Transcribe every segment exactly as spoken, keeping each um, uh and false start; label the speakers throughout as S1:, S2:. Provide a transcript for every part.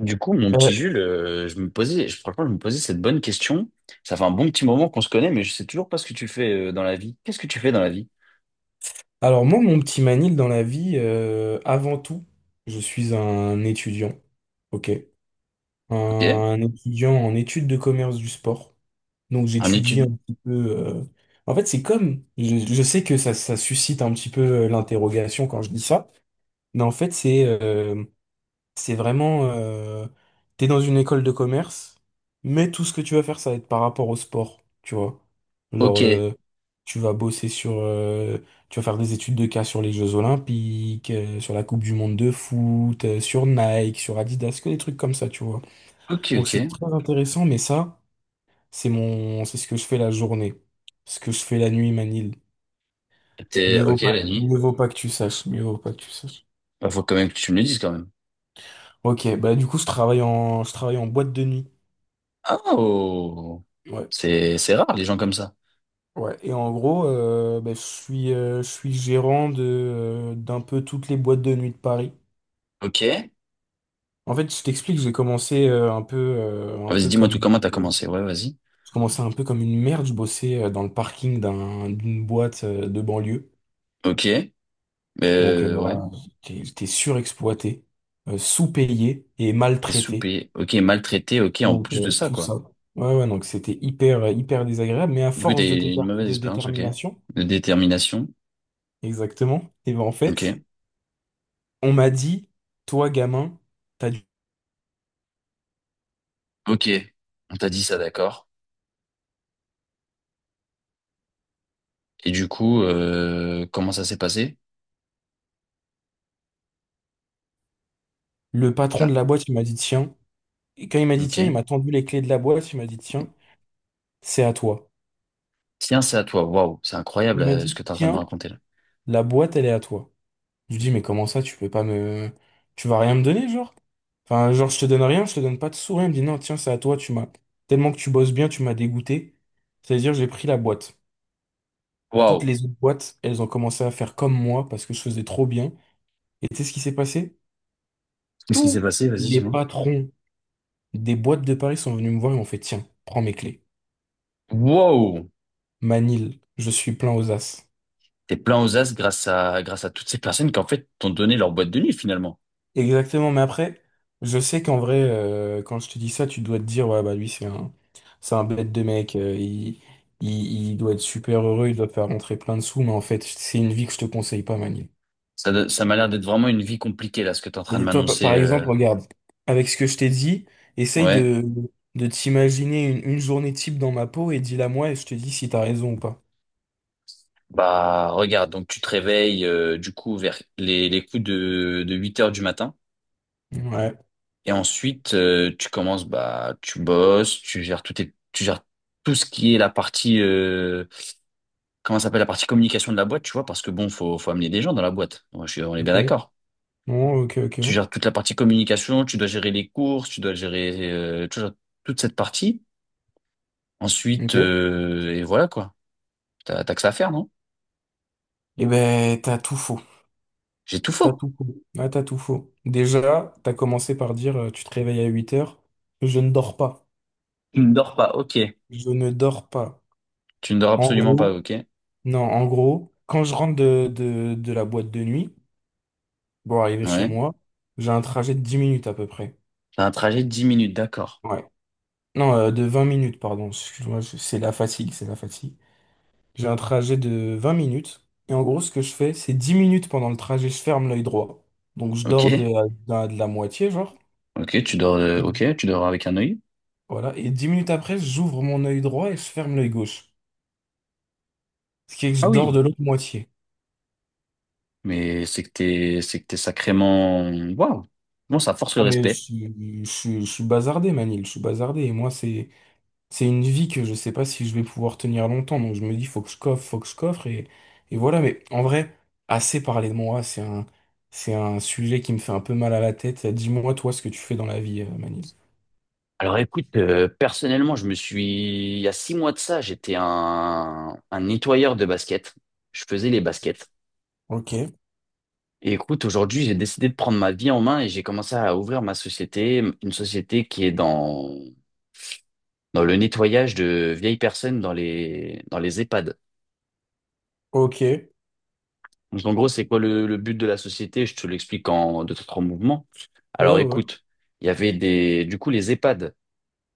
S1: Du coup, mon
S2: Euh,
S1: petit Jules, euh, je me posais, je, franchement, je me posais cette bonne question. Ça fait un bon petit moment qu'on se connaît, mais je sais toujours pas ce que tu fais euh, dans la vie. Qu'est-ce que tu fais dans la vie?
S2: alors moi, mon petit Manil dans la vie, euh, avant tout, je suis un étudiant, ok,
S1: Ok,
S2: un étudiant en études de commerce du sport. Donc
S1: un
S2: j'étudie
S1: étude.
S2: un petit peu. euh, En fait, c'est comme, je, je sais que ça, ça suscite un petit peu euh, l'interrogation quand je dis ça, mais en fait c'est, euh, C'est vraiment, euh, t'es dans une école de commerce, mais tout ce que tu vas faire, ça va être par rapport au sport, tu vois. Genre,
S1: Ok,
S2: euh, tu vas bosser sur, euh, tu vas faire des études de cas sur les Jeux Olympiques, euh, sur la Coupe du Monde de foot, euh, sur Nike, sur Adidas, que des trucs comme ça, tu vois.
S1: ok,
S2: Donc c'est
S1: ok.
S2: très intéressant, mais ça, c'est mon, c'est ce que je fais la journée, ce que je fais la nuit, Manil.
S1: T'es
S2: Mieux vaut
S1: ok
S2: pas,
S1: la nuit.
S2: mieux vaut pas que tu saches, mieux vaut pas que tu saches.
S1: Bah, faut quand même que tu me le dises quand même.
S2: Ok, bah du coup, je travaille en, je travaille en boîte de nuit.
S1: Oh,
S2: Ouais.
S1: c'est c'est rare les gens comme ça.
S2: Ouais, et en gros, euh, bah, je suis, euh, je suis gérant de, euh, d'un peu toutes les boîtes de nuit de Paris.
S1: Ok.
S2: En fait, je t'explique, j'ai commencé euh, un peu, euh, un
S1: Vas-y,
S2: peu
S1: dis-moi tout
S2: comme,
S1: comment t'as
S2: euh,
S1: commencé. Ouais, vas-y.
S2: je commençais un peu comme une merde. Je bossais euh, dans le parking d'un, d'une boîte euh, de banlieue.
S1: Ok.
S2: Donc, euh,
S1: Euh, ouais.
S2: voilà, j'étais j'étais surexploité, euh, sous-payé et
S1: T'es
S2: maltraité.
S1: soupé. Ok, maltraité. Ok, en
S2: Donc,
S1: plus de
S2: euh,
S1: ça
S2: tout
S1: quoi.
S2: ça. Ouais, ouais, donc c'était hyper, hyper désagréable. Mais à
S1: Du coup, t'as
S2: force de,
S1: eu
S2: déter-
S1: une mauvaise
S2: de
S1: expérience. Ok.
S2: détermination,
S1: De détermination.
S2: exactement, et ben en
S1: Ok.
S2: fait. On m'a dit, toi, gamin, t'as du...
S1: Ok, on t'a dit ça, d'accord. Et du coup, euh, comment ça s'est passé?
S2: Le patron de
S1: Ah,
S2: la boîte, il m'a dit, tiens. Et quand il m'a dit,
S1: ok.
S2: tiens, il m'a tendu les clés de la boîte, il m'a dit, tiens, c'est à toi.
S1: Tiens, c'est à toi. Waouh, c'est incroyable
S2: Il m'a
S1: euh, ce
S2: dit,
S1: que t'es en train de me
S2: tiens,
S1: raconter là.
S2: la boîte, elle est à toi. Je lui dis, mais comment ça, tu peux pas me... Tu vas rien me donner, genre? Enfin, genre, je te donne rien, je te donne pas de sourire. Il me dit, non, tiens, c'est à toi, tu m'as... Tellement que tu bosses bien, tu m'as dégoûté. C'est-à-dire, j'ai pris la boîte. Toutes
S1: Waouh.
S2: les autres boîtes, elles ont commencé à faire comme moi parce que je faisais trop bien. Et tu sais ce qui s'est passé?
S1: Qu'est-ce qui s'est
S2: Tous
S1: passé? Vas-y,
S2: les
S1: dis-moi.
S2: patrons Des boîtes de Paris sont venues me voir et m'ont fait, tiens, prends mes clés.
S1: Waouh.
S2: Manil, je suis plein aux as.
S1: T'es plein aux as grâce à grâce à toutes ces personnes qui en fait t'ont donné leur boîte de nuit finalement.
S2: Exactement, mais après, je sais qu'en vrai, euh, quand je te dis ça, tu dois te dire, ouais, bah lui, c'est un, c'est un bête de mec, euh, il, il, il doit être super heureux, il doit te faire rentrer plein de sous, mais en fait, c'est une vie que je te conseille pas, Manil.
S1: Ça, do- ça m'a l'air d'être vraiment une vie compliquée là, ce que t'es en train de
S2: Et toi, pa-
S1: m'annoncer.
S2: par
S1: euh.
S2: exemple, regarde, avec ce que je t'ai dit, essaye
S1: Ouais.
S2: de, de t'imaginer une, une journée type dans ma peau et dis-la moi et je te dis si t'as raison ou pas.
S1: Bah regarde, donc tu te réveilles euh, du coup vers les, les coups de, de huit heures du matin.
S2: Ouais,
S1: Et ensuite, euh, tu commences, bah, tu bosses, tu gères tout tes- tu gères tout ce qui est la partie, euh, comment ça s'appelle, la partie communication de la boîte, tu vois, parce que bon, faut, faut amener des gens dans la boîte. Ouais, je suis- on est bien
S2: ok.
S1: d'accord.
S2: Non, ok, ok.
S1: Tu gères toute la partie communication, tu dois gérer les courses, tu dois gérer, euh, tu gères toute cette partie. Ensuite,
S2: Ok.
S1: euh, et voilà quoi. T'as, t'as que ça à faire, non?
S2: Eh ben, t'as tout faux.
S1: J'ai tout
S2: T'as
S1: faux.
S2: tout faux. Ah, t'as tout faux. Déjà, t'as commencé par dire, euh, tu te réveilles à huit heures. Je ne dors pas.
S1: Tu ne dors pas, ok.
S2: Je ne dors pas.
S1: Tu ne dors
S2: En
S1: absolument pas,
S2: gros,
S1: ok.
S2: non, en gros, quand je rentre de, de, de la boîte de nuit, bon, arrivé chez
S1: Ouais.
S2: moi, j'ai un trajet de dix minutes à peu près.
S1: T'as un trajet de dix minutes, d'accord.
S2: Ouais. Non, euh, de vingt minutes, pardon. Excuse-moi, je- c'est la fatigue, c'est la fatigue. J'ai un trajet de vingt minutes. Et en gros, ce que je fais, c'est dix minutes pendant le trajet, je ferme l'œil droit. Donc, je dors de,
S1: Ok.
S2: à- de la de la moitié, genre.
S1: Ok, tu dors, euh, ok, tu dors avec un œil.
S2: Voilà. Et dix minutes après, j'ouvre mon œil droit et je ferme l'œil gauche. Ce qui est que je
S1: Ah
S2: dors de
S1: oui.
S2: l'autre moitié.
S1: Mais c'est que t'es, c'est que t'es sacrément, waouh. Bon, ça force le
S2: Ah, mais je,
S1: respect.
S2: suis- je, suis je suis bazardé, Manil. Je suis bazardé. Et moi, c'est, c'est une vie que je sais pas si je vais pouvoir tenir longtemps. Donc, je me dis, faut que je coffre, faut que je coffre. Et, et voilà. Mais en vrai, assez parlé de moi. C'est un, c'est un sujet qui me fait un peu mal à la tête. Dis-moi, toi, ce que tu fais dans la vie, euh, Manil.
S1: Alors écoute, euh, personnellement, je me suis, il y a six mois de ça, j'étais un, un nettoyeur de baskets. Je faisais les baskets.
S2: Ok,
S1: Et écoute, aujourd'hui, j'ai décidé de prendre ma vie en main et j'ai commencé à ouvrir ma société, une société qui est dans, dans le nettoyage de vieilles personnes dans les, dans les EHPAD.
S2: ok. Ouais,
S1: Donc en gros, c'est quoi le, le but de la société? Je te l'explique en deux, trois mouvements. Alors
S2: ouais,
S1: écoute, il y avait des, du coup, les EHPAD.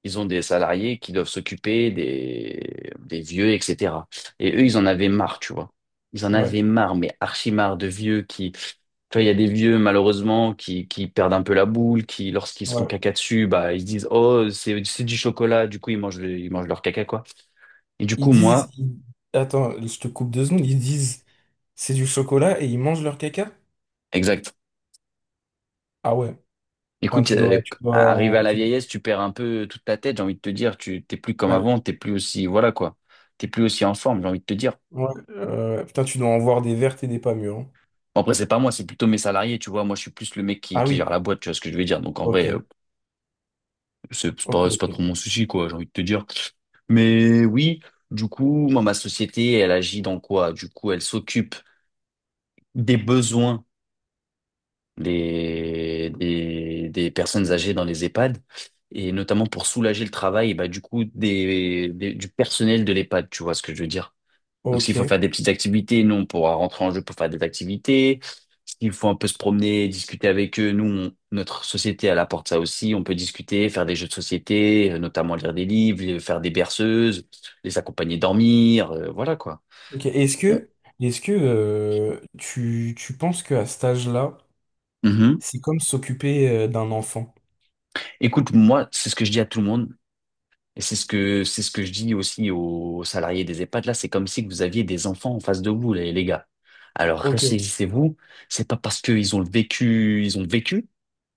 S1: Ils ont des salariés qui doivent s'occuper des, des vieux, et cetera. Et eux, ils en avaient marre, tu vois. Ils en
S2: ouais.
S1: avaient marre, mais archi marre de vieux qui, tu vois, il y a des vieux, malheureusement, qui, qui perdent un peu la boule, qui, lorsqu'ils se font
S2: Ouais.
S1: caca dessus, bah, ils se disent, oh, c'est, c'est du chocolat. Du coup, ils mangent, le- ils mangent leur caca, quoi. Et du
S2: Ils
S1: coup,
S2: disent,
S1: moi,
S2: ils- attends, je te coupe deux secondes, ils disent c'est du chocolat et ils mangent leur caca?
S1: exact.
S2: Ah ouais, putain,
S1: Écoute,
S2: tu
S1: euh,
S2: dois, tu dois
S1: arrivé à
S2: en-
S1: la
S2: tu-
S1: vieillesse, tu perds un peu toute ta tête, j'ai envie de te dire. Tu, t'es plus comme
S2: ouais,
S1: avant, t'es plus aussi, voilà, quoi. T'es plus aussi en forme, j'ai envie de te dire.
S2: ouais, euh, putain, tu dois en voir des vertes et des pas mûres, hein.
S1: Bon, après, c'est pas moi, c'est plutôt mes salariés, tu vois. Moi, je suis plus le mec qui,
S2: Ah
S1: qui
S2: oui,
S1: gère la boîte, tu vois ce que je veux dire. Donc, en
S2: ok,
S1: vrai, euh, c'est c'est
S2: ok,
S1: pas, c'est
S2: ok,
S1: pas trop mon souci, quoi, j'ai envie de te dire. Mais oui, du coup, moi, ma société, elle agit dans quoi? Du coup, elle s'occupe des besoins des, des, des personnes âgées dans les EHPAD et notamment pour soulager le travail, bah, du coup, des, des- du personnel de l'EHPAD, tu vois ce que je veux dire. Donc, s'il faut faire
S2: ok,
S1: des petites activités, nous, on pourra rentrer en jeu pour faire des activités. S'il faut un peu se promener, discuter avec eux, nous, on- notre société, elle apporte ça aussi. On peut discuter, faire des jeux de société, euh, notamment lire des livres, euh, faire des berceuses, les accompagner dormir, euh, voilà quoi.
S2: ok. Est-ce
S1: On-
S2: que, est-ce que euh, tu, tu penses qu'à cet âge-là,
S1: Mhm.
S2: c'est comme s'occuper euh, d'un enfant?
S1: Écoute, moi, c'est ce que je dis à tout le monde. Et c'est ce que, c'est ce que je dis aussi aux salariés des EHPAD. Là, c'est comme si vous aviez des enfants en face de vous, les, les gars. Alors,
S2: Ok,
S1: ressaisissez-vous. C'est pas parce qu'ils ont le vécu, ils ont vécu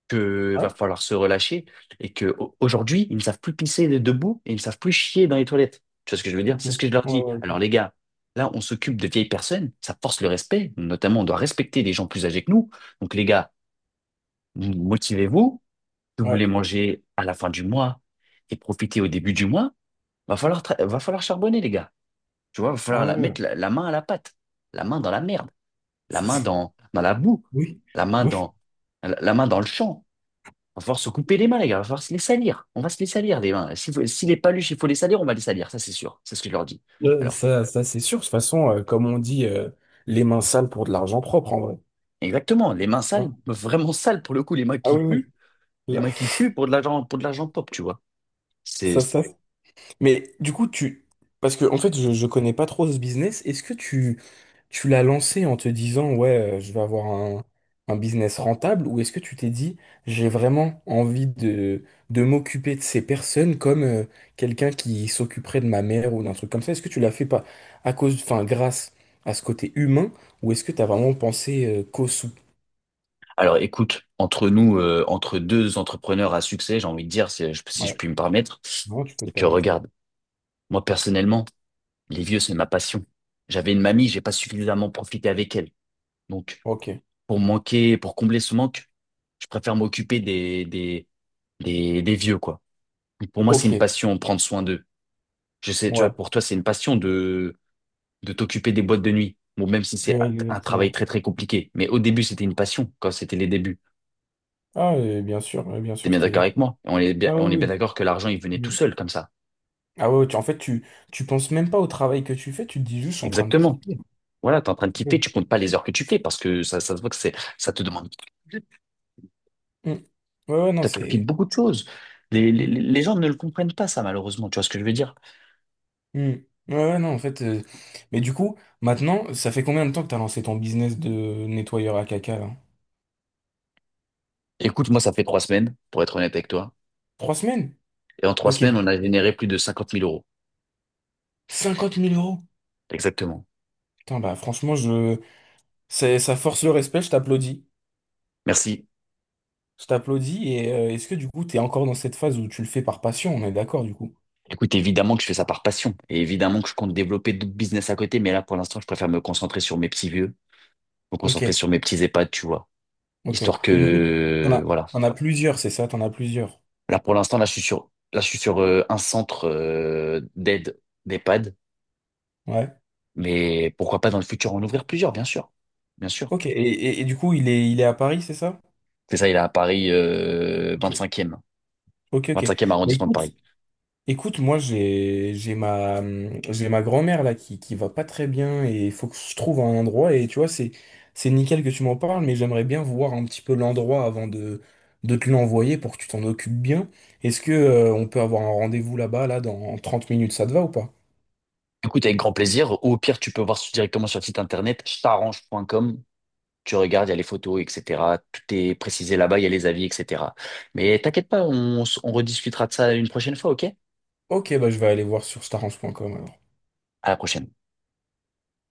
S1: que va
S2: ouais,
S1: falloir se relâcher et que au- aujourd'hui, ils ne savent plus pisser debout et ils ne savent plus chier dans les toilettes. Tu vois ce que je veux dire?
S2: ok,
S1: C'est
S2: ouais,
S1: ce que je leur
S2: ouais,
S1: dis.
S2: ok,
S1: Alors les gars, là, on s'occupe de vieilles personnes, ça force le respect. Notamment, on doit respecter les gens plus âgés que nous. Donc les gars, vous- motivez-vous. Si vous
S2: ouais,
S1: voulez manger à la fin du mois et profiter au début du mois, va falloir tra- va falloir charbonner les gars. Tu vois, va
S2: ah
S1: falloir
S2: ouais,
S1: la- mettre
S2: ouais,
S1: la, la main à la pâte, la main dans la merde, la
S2: ça
S1: main
S2: c'est-
S1: dans dans la boue,
S2: oui,
S1: la main
S2: oui.
S1: dans la la main dans le champ. Va falloir se couper les mains, les gars. Il va falloir se les salir. On va se les salir, les mains. Si, faut- si les paluches, il faut les salir, on va les salir. Ça, c'est sûr. C'est ce que je leur dis.
S2: Euh,
S1: Alors,
S2: Ça, ça c'est sûr. De toute façon, euh, comme on dit, euh, les mains sales pour de l'argent propre, en vrai.
S1: exactement. Les mains sales,
S2: Hein.
S1: vraiment sales pour le coup, les mains
S2: Ah
S1: qui
S2: oui,
S1: puent.
S2: oui.
S1: Les
S2: Là,
S1: mains qui puent pour de l'argent, pour de l'argent pop, tu vois. C'est,
S2: ça,
S1: c'est-
S2: ça. Mais du coup, tu... Parce que, en fait, je, je connais pas trop ce business. Est-ce que tu, tu l'as lancé en te disant, ouais, euh, je vais avoir un, un business rentable, ou est-ce que tu t'es dit, j'ai vraiment envie de, de m'occuper de ces personnes comme euh, quelqu'un qui s'occuperait de ma mère ou d'un truc comme ça? Est-ce que tu l'as fait pas à cause, enfin, grâce à ce côté humain? Ou est-ce que tu as vraiment pensé euh, cause
S1: Alors, écoute, entre nous, euh, entre deux entrepreneurs à succès, j'ai envie de dire, si je, si je
S2: Ouais,
S1: puis me permettre,
S2: non, tu peux
S1: c'est
S2: te
S1: que
S2: permettre.
S1: regarde, moi, personnellement, les vieux, c'est ma passion. J'avais une mamie, j'ai pas suffisamment profité avec elle. Donc,
S2: Ok,
S1: pour manquer, pour combler ce manque, je préfère m'occuper des, des, les, les vieux, quoi. Pour moi, c'est une
S2: ok,
S1: passion, prendre soin d'eux. Je sais, tu
S2: ouais,
S1: vois, pour toi, c'est une passion de, de t'occuper des boîtes de nuit. Bon, même si c'est
S2: Ouais,
S1: un travail
S2: exactement.
S1: très, très compliqué. Mais au début, c'était une passion, quand c'était les débuts.
S2: Ah, euh, bien sûr, euh, bien
S1: T'es
S2: sûr,
S1: bien d'accord
S2: c'était.
S1: avec moi? On est bien,
S2: Ah
S1: on est
S2: oui,
S1: bien d'accord que l'argent, il venait
S2: oui.
S1: tout
S2: Mm.
S1: seul, comme ça.
S2: Ah ouais, ouais, tu- en fait, tu, tu penses même pas au travail que tu fais, tu te dis juste, je suis en train de
S1: Exactement.
S2: kiffer.
S1: Voilà, t'es en train de kiffer,
S2: Mm.
S1: tu comptes pas les heures que tu fais, parce que ça, ça se voit que c'est, ça te demande,
S2: Mm. Ouais, ouais, non,
S1: t'as kiffé
S2: c'est.
S1: beaucoup de choses. Les, les,
S2: Mm.
S1: les gens ne le comprennent pas, ça, malheureusement. Tu vois ce que je veux dire?
S2: Mm. Ouais, ouais, non, en fait. euh, Mais du coup, maintenant, ça fait combien de temps que t'as lancé ton business de nettoyeur à caca, là?
S1: Écoute, moi, ça fait trois semaines, pour être honnête avec toi.
S2: Trois semaines?
S1: Et en trois
S2: Ok.
S1: semaines, on a généré plus de cinquante mille euros.
S2: cinquante mille euros.
S1: Exactement.
S2: Putain, bah, franchement, je. c'est- Ça force le respect, je t'applaudis.
S1: Merci.
S2: Je t'applaudis et euh, est-ce que du coup t'es encore dans cette phase où tu le fais par passion, on est d'accord du coup?
S1: Écoute, évidemment que je fais ça par passion et évidemment que je compte développer d'autres business à côté, mais là, pour l'instant, je préfère me concentrer sur mes petits vieux, me
S2: Ok,
S1: concentrer sur mes petits EHPAD, tu vois.
S2: ok.
S1: Histoire
S2: Et du coup, t'en
S1: que,
S2: as,
S1: voilà.
S2: t'en as plusieurs, c'est ça? T'en as plusieurs.
S1: Là, pour l'instant, là, je suis sur, là, je suis sur euh, un centre euh, d'aide d'EHPAD,
S2: Ouais.
S1: mais pourquoi pas dans le futur en ouvrir plusieurs, bien sûr. Bien sûr.
S2: Ok. Et, et- et du coup, il est, il est à Paris, c'est ça?
S1: C'est ça, il est à Paris euh,
S2: Ok,
S1: vingt-cinquième.
S2: ok, ok.
S1: vingt-cinquième
S2: Bah
S1: arrondissement de
S2: écoute.
S1: Paris.
S2: Écoute, moi j'ai j'ai ma j'ai ma grand-mère là qui qui va pas très bien et il faut que je trouve un endroit et tu vois c'est c'est nickel que tu m'en parles mais j'aimerais bien voir un petit peu l'endroit avant de de te l'envoyer pour que tu t'en occupes bien. Est-ce que euh, on peut avoir un rendez-vous là-bas là dans trente minutes, ça te va ou pas?
S1: Écoute, avec grand plaisir. Ou au pire, tu peux voir sur- directement sur le site internet starange dot com. Tu regardes, il y a les photos, et cetera. Tout est précisé là-bas, il y a les avis, et cetera. Mais t'inquiète pas, on, s- on rediscutera de ça une prochaine fois, ok?
S2: OK, bah je vais aller voir sur starange point com alors.
S1: À la prochaine.